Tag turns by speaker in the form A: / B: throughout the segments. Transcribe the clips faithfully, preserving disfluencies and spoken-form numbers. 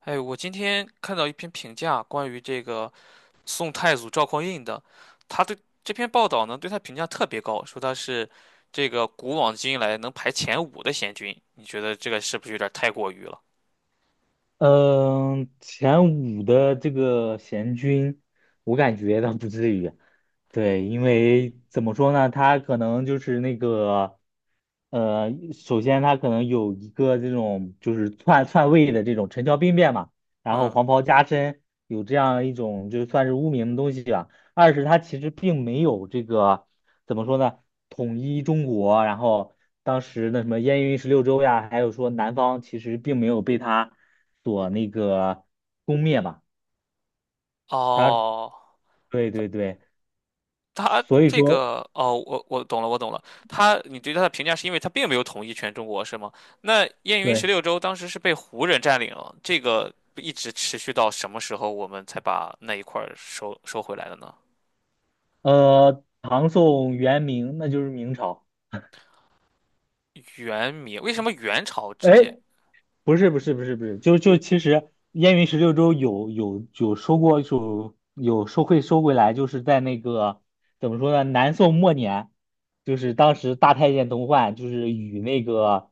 A: 哎，我今天看到一篇评价，关于这个宋太祖赵匡胤的，他对这篇报道呢，对他评价特别高，说他是这个古往今来能排前五的贤君。你觉得这个是不是有点太过于了？
B: 嗯，前五的这个贤君，我感觉倒不至于。对，因为怎么说呢，他可能就是那个，呃，首先他可能有一个这种就是篡篡位的这种陈桥兵变嘛，然后
A: 嗯，
B: 黄袍加身，有这样一种就算是污名的东西吧。二是它其实并没有这个怎么说呢，统一中国，然后当时那什么燕云十六州呀，还有说南方其实并没有被它所那个攻灭吧。
A: 哦，
B: 对对对，
A: 他
B: 所以
A: 这
B: 说
A: 个，哦，我我懂了，我懂了。他，你对他的评价是因为他并没有统一全中国，是吗？那燕云十
B: 对，
A: 六州当时是被胡人占领了，这个一直持续到什么时候我们才把那一块儿收收回来的呢？
B: 呃，唐宋元明那就是明朝。
A: 元明，为什么元朝之间？
B: 哎，不是不是不是不是，就就其实燕云十六州有有有收过有有收会收回来，就是在那个怎么说呢？南宋末年，就是当时大太监童焕就是与那个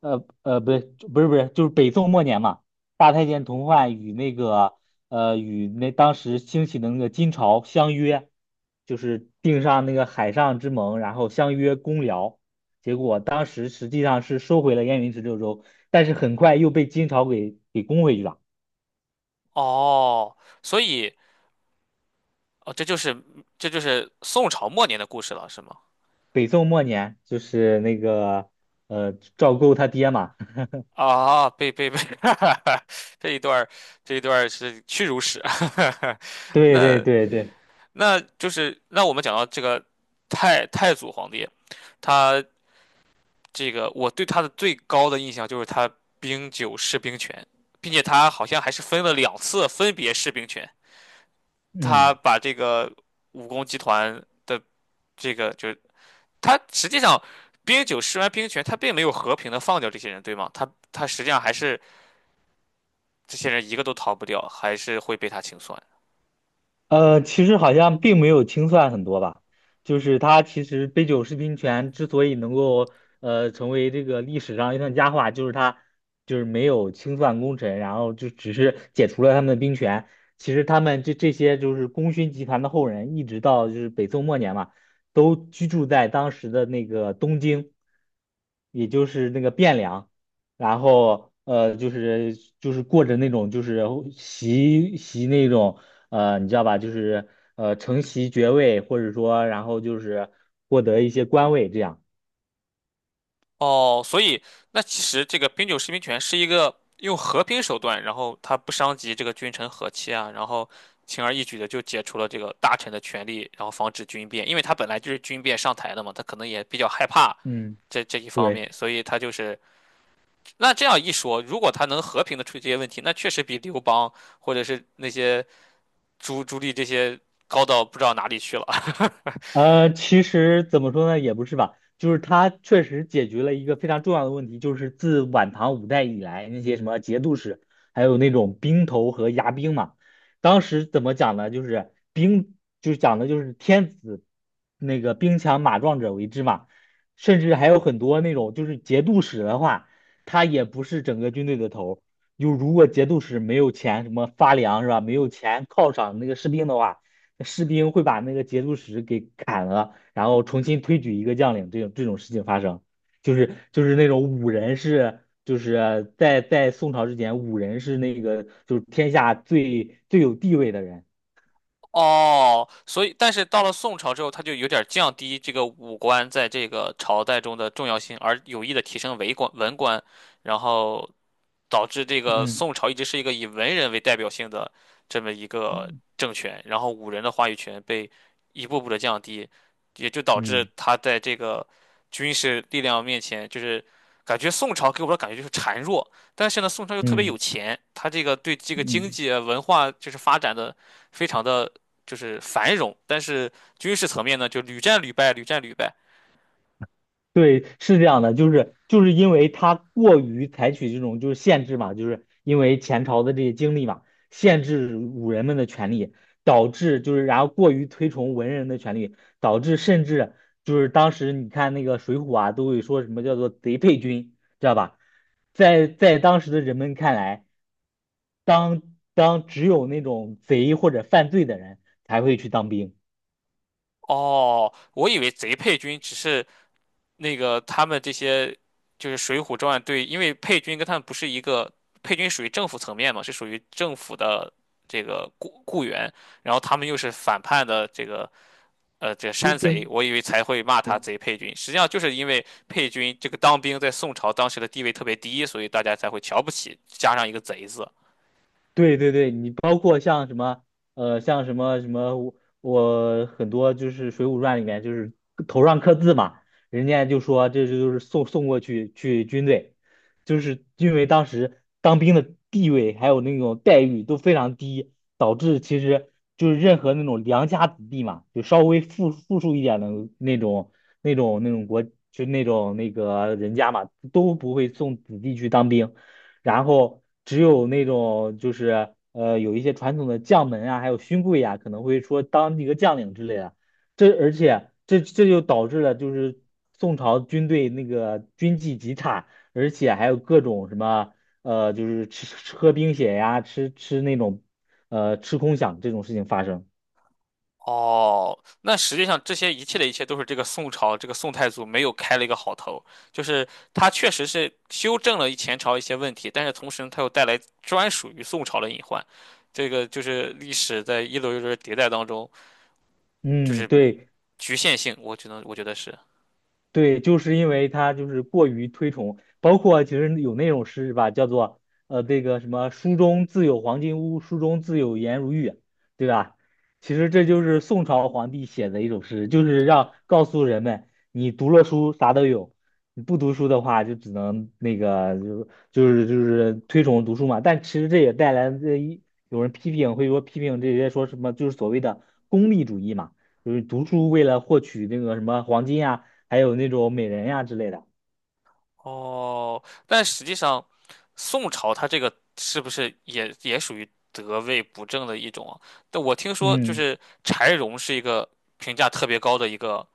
B: 呃呃不对不是不是就是北宋末年嘛，大太监童焕与那个呃与那当时兴起的那个金朝相约，就是订上那个海上之盟，然后相约攻辽，结果当时实际上是收回了燕云十六州。但是很快又被金朝给给攻回去了。
A: 哦，所以哦，这就是这就是宋朝末年的故事了，是吗？
B: 北宋末年就是那个呃赵构他爹嘛，
A: 啊，被被被 这一段儿这一段儿是屈辱史。
B: 对对
A: 那
B: 对对，
A: 那就是那我们讲到这个太太祖皇帝，他这个我对他的最高的印象就是他兵九释兵权，并且他好像还是分了两次分别释兵权，
B: 嗯。
A: 他把这个武功集团的这个就他实际上冰九施完兵权，他并没有和平的放掉这些人，对吗？他他实际上还是这些人一个都逃不掉，还是会被他清算。
B: 呃，其实好像并没有清算很多吧，就是他其实杯酒释兵权之所以能够呃成为这个历史上一段佳话，就是他就是没有清算功臣，然后就只是解除了他们的兵权。其实他们这这些就是功勋集团的后人，一直到就是北宋末年嘛，都居住在当时的那个东京，也就是那个汴梁。然后呃，就是就是过着那种就是习习那种呃，你知道吧？就是呃，承袭爵位，或者说然后就是获得一些官位这样。
A: 哦，所以那其实这个冰九施兵权是一个用和平手段，然后他不伤及这个君臣和气啊，然后轻而易举的就解除了这个大臣的权力，然后防止军变，因为他本来就是军变上台的嘛，他可能也比较害怕。
B: 嗯，
A: 这这一方
B: 对。
A: 面，所以他就是那这样一说，如果他能和平的处理这些问题，那确实比刘邦或者是那些朱朱棣这些高到不知道哪里去了。
B: 呃，其实怎么说呢，也不是吧，就是它确实解决了一个非常重要的问题，就是自晚唐五代以来，那些什么节度使，还有那种兵头和牙兵嘛，当时怎么讲呢？就是兵，就是讲的就是天子那个兵强马壮者为之嘛，甚至还有很多那种就是节度使的话，他也不是整个军队的头儿，就如果节度使没有钱什么发粮是吧，没有钱犒赏那个士兵的话。士兵会把那个节度使给砍了，然后重新推举一个将领，这种这种事情发生，就是就是那种武人是，就是在在宋朝之前，武人是那个就是天下最最有地位的人。
A: 哦，所以但是到了宋朝之后，他就有点降低这个武官在这个朝代中的重要性，而有意的提升为官文官，然后导致这个
B: 嗯
A: 宋朝一直是一个以文人为代表性的这么一个
B: 嗯
A: 政权，然后武人的话语权被一步步的降低，也就导致
B: 嗯
A: 他在这个军事力量面前，就是感觉宋朝给我的感觉就是孱弱，但是呢，宋朝又特别有
B: 嗯。
A: 钱，他这个对这个经
B: 嗯
A: 济啊文化就是发展的非常的就是繁荣，但是军事层面呢就屡战屡败，屡战屡败。
B: 对，是这样的，就是就是因为他过于采取这种就是限制嘛，就是因为前朝的这些经历嘛，限制武人们的权利，导致就是然后过于推崇文人的权利，导致甚至就是当时你看那个《水浒》啊，都会说什么叫做贼配军，知道吧？在在当时的人们看来，当当只有那种贼或者犯罪的人才会去当兵，
A: 哦，我以为贼配军只是那个他们这些就是《水浒传》对，因为配军跟他们不是一个，配军属于政府层面嘛，是属于政府的这个雇雇员，然后他们又是反叛的这个呃这个
B: 兵
A: 山贼，
B: 并。
A: 我以为才会骂他贼配军，实际上就是因为配军这个当兵在宋朝当时的地位特别低，所以大家才会瞧不起，加上一个贼字。
B: 对对对，你包括像什么，呃，像什么什么，我我很多就是《水浒传》里面就是头上刻字嘛，人家就说这就是送送过去去军队，就是因为当时当兵的地位还有那种待遇都非常低，导致其实就是任何那种良家子弟嘛，就稍微富富庶一点的那种那种那种国，就那种那个人家嘛，都不会送子弟去当兵。然后只有那种就是呃有一些传统的将门啊，还有勋贵啊，可能会说当一个将领之类的。这而且这这就导致了就是宋朝军队那个军纪极差，而且还有各种什么呃就是吃吃喝冰血呀，吃吃那种呃吃空饷这种事情发生。
A: 哦，那实际上这些一切的一切都是这个宋朝这个宋太祖没有开了一个好头，就是他确实是修正了前朝一些问题，但是同时呢他又带来专属于宋朝的隐患，这个就是历史在一轮一轮迭代当中，就
B: 嗯，
A: 是
B: 对，
A: 局限性，我觉得我觉得是。
B: 对，就是因为他就是过于推崇，包括其实有那种诗是吧，叫做呃这个什么"书中自有黄金屋，书中自有颜如玉"，对吧？其实这就是宋朝皇帝写的一首诗，就是让告诉人们，你读了书啥都有，你不读书的话就只能那个就就是就是推崇读书嘛。但其实这也带来这一有人批评，会说批评这些说什么就是所谓的功利主义嘛，就是读书为了获取那个什么黄金啊。还有那种美人呀之类的。
A: 哦，但实际上宋朝它这个是不是也也属于得位不正的一种啊？但我听说就
B: 嗯
A: 是柴荣是一个评价特别高的一个。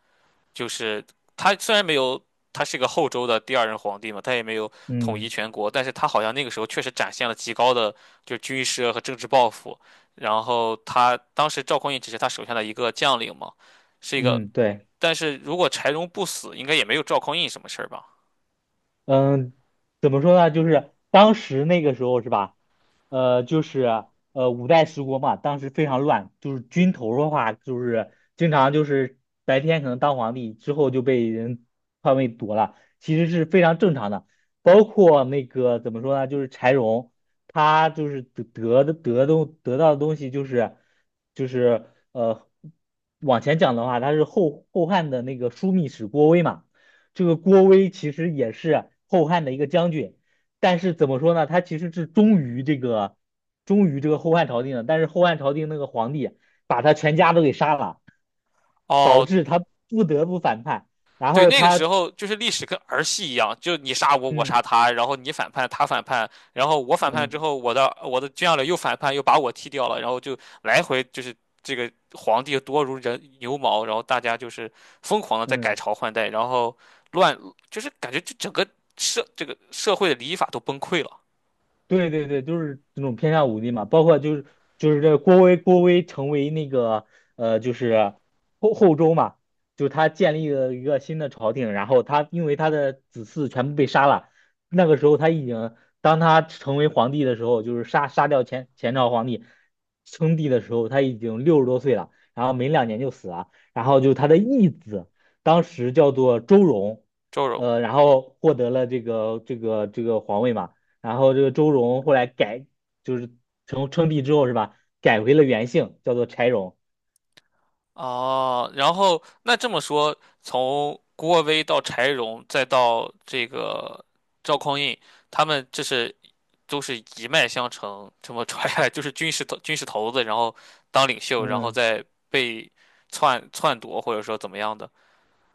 A: 就是他虽然没有，他是个后周的第二任皇帝嘛，他也没有统一
B: 嗯
A: 全国，但是他好像那个时候确实展现了极高的就是军事和政治抱负。然后他当时赵匡胤只是他手下的一个将领嘛，是一个。
B: 嗯，对。
A: 但是如果柴荣不死，应该也没有赵匡胤什么事儿吧？
B: 嗯，怎么说呢？就是当时那个时候是吧？呃，就是呃五代十国嘛，当时非常乱，就是军头的话，就是经常就是白天可能当皇帝，之后就被人篡位夺了，其实是非常正常的。包括那个怎么说呢？就是柴荣，他就是得得的得东得到的东西就是就是呃往前讲的话，他是后后汉的那个枢密使郭威嘛。这个郭威其实也是后汉的一个将军，但是怎么说呢？他其实是忠于这个忠于这个后汉朝廷的，但是后汉朝廷那个皇帝把他全家都给杀了，导
A: 哦，
B: 致他不得不反叛。然
A: 对，
B: 后
A: 那个时
B: 他，
A: 候就是历史跟儿戏一样，就你杀我，我
B: 嗯
A: 杀他，然后你反叛，他反叛，然后我反叛之
B: 嗯
A: 后，我的我的军将领又反叛，又把我踢掉了，然后就来回就是这个皇帝多如人牛毛，然后大家就是疯狂的在改
B: 嗯。
A: 朝换代，然后乱，就是感觉就整个社这个社会的礼法都崩溃了。
B: 对对对，就是这种偏向武力嘛，包括就是就是这郭威郭威成为那个呃就是后后周嘛，就是他建立了一个新的朝廷，然后他因为他的子嗣全部被杀了，那个时候他已经当他成为皇帝的时候，就是杀杀掉前前朝皇帝称帝的时候，他已经六十多岁了，然后没两年就死了，然后就他的义子当时叫做周荣，
A: 周荣
B: 呃，然后获得了这个这个这个皇位嘛。然后这个周荣后来改，就是称称帝之后是吧，改回了原姓，叫做柴荣。
A: 哦，然后那这么说，从郭威到柴荣，再到这个赵匡胤，他们这是都是一脉相承，这么传下来，就是军事头军事头子，然后当领袖，然后
B: 嗯，
A: 再被篡篡夺，或者说怎么样的。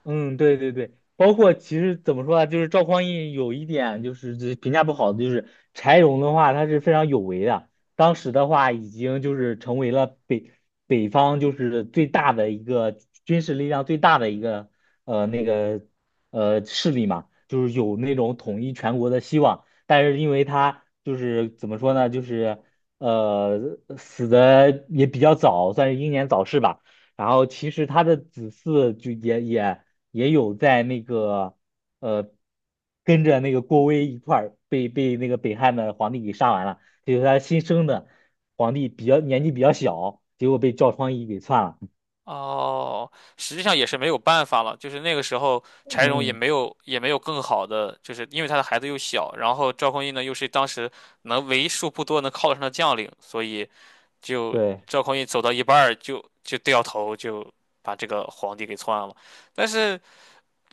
B: 嗯，对对对，包括其实怎么说呢，就是赵匡胤有一点就是这评价不好的，就是柴荣的话，他是非常有为的。当时的话，已经就是成为了北北方就是最大的一个军事力量最大的一个呃那个呃势力嘛，就是有那种统一全国的希望。但是因为他就是怎么说呢，就是呃死的也比较早，算是英年早逝吧。然后其实他的子嗣就也也。也有在那个呃跟着那个郭威一块儿被被那个北汉的皇帝给杀完了，就是他新生的皇帝比较年纪比较小，结果被赵匡胤给篡了。
A: 哦，实际上也是没有办法了，就是那个时候柴荣也
B: 嗯
A: 没有也没有更好的，就是因为他的孩子又小，然后赵匡胤呢又是当时能为数不多能靠得上的将领，所以就
B: 对，
A: 赵匡胤走到一半儿就就掉头，就把这个皇帝给篡了。但是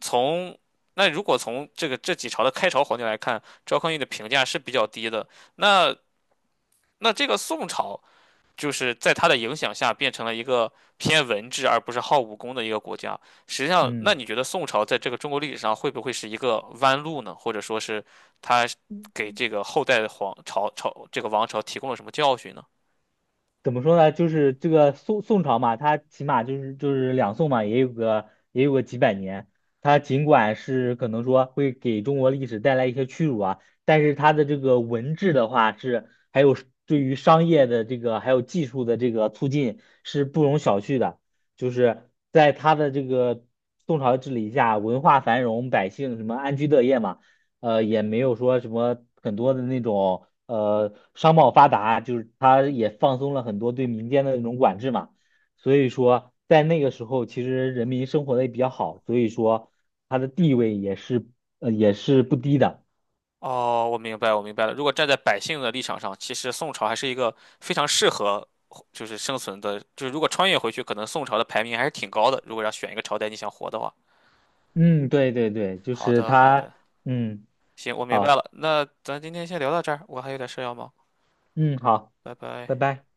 A: 从那如果从这个这几朝的开朝皇帝来看，赵匡胤的评价是比较低的。那那这个宋朝就是在他的影响下变成了一个偏文治而不是好武功的一个国家。实际上，那
B: 嗯。
A: 你觉得宋朝在这个中国历史上会不会是一个弯路呢？或者说是他给这个后代的皇朝朝这个王朝提供了什么教训呢？
B: 怎么说呢？就是这个宋宋朝嘛，它起码就是就是两宋嘛，也有个也有个几百年。它尽管是可能说会给中国历史带来一些屈辱啊，但是它的这个文治的话是，还有对于商业的这个还有技术的这个促进是不容小觑的。就是在它的这个宋朝治理下，文化繁荣，百姓什么安居乐业嘛。呃，也没有说什么很多的那种呃商贸发达，就是它也放松了很多对民间的那种管制嘛，所以说在那个时候，其实人民生活的也比较好，所以说它的地位也是呃也是不低的。
A: 哦，我明白，我明白了。如果站在百姓的立场上，其实宋朝还是一个非常适合就是生存的，就是如果穿越回去，可能宋朝的排名还是挺高的。如果要选一个朝代你想活的话，
B: 嗯，对对对，就
A: 好
B: 是
A: 的，好
B: 它，
A: 的，
B: 嗯，
A: 行，我明白
B: 好，
A: 了。那咱今天先聊到这儿，我还有点事要忙，
B: 嗯，好，
A: 拜
B: 拜
A: 拜。
B: 拜。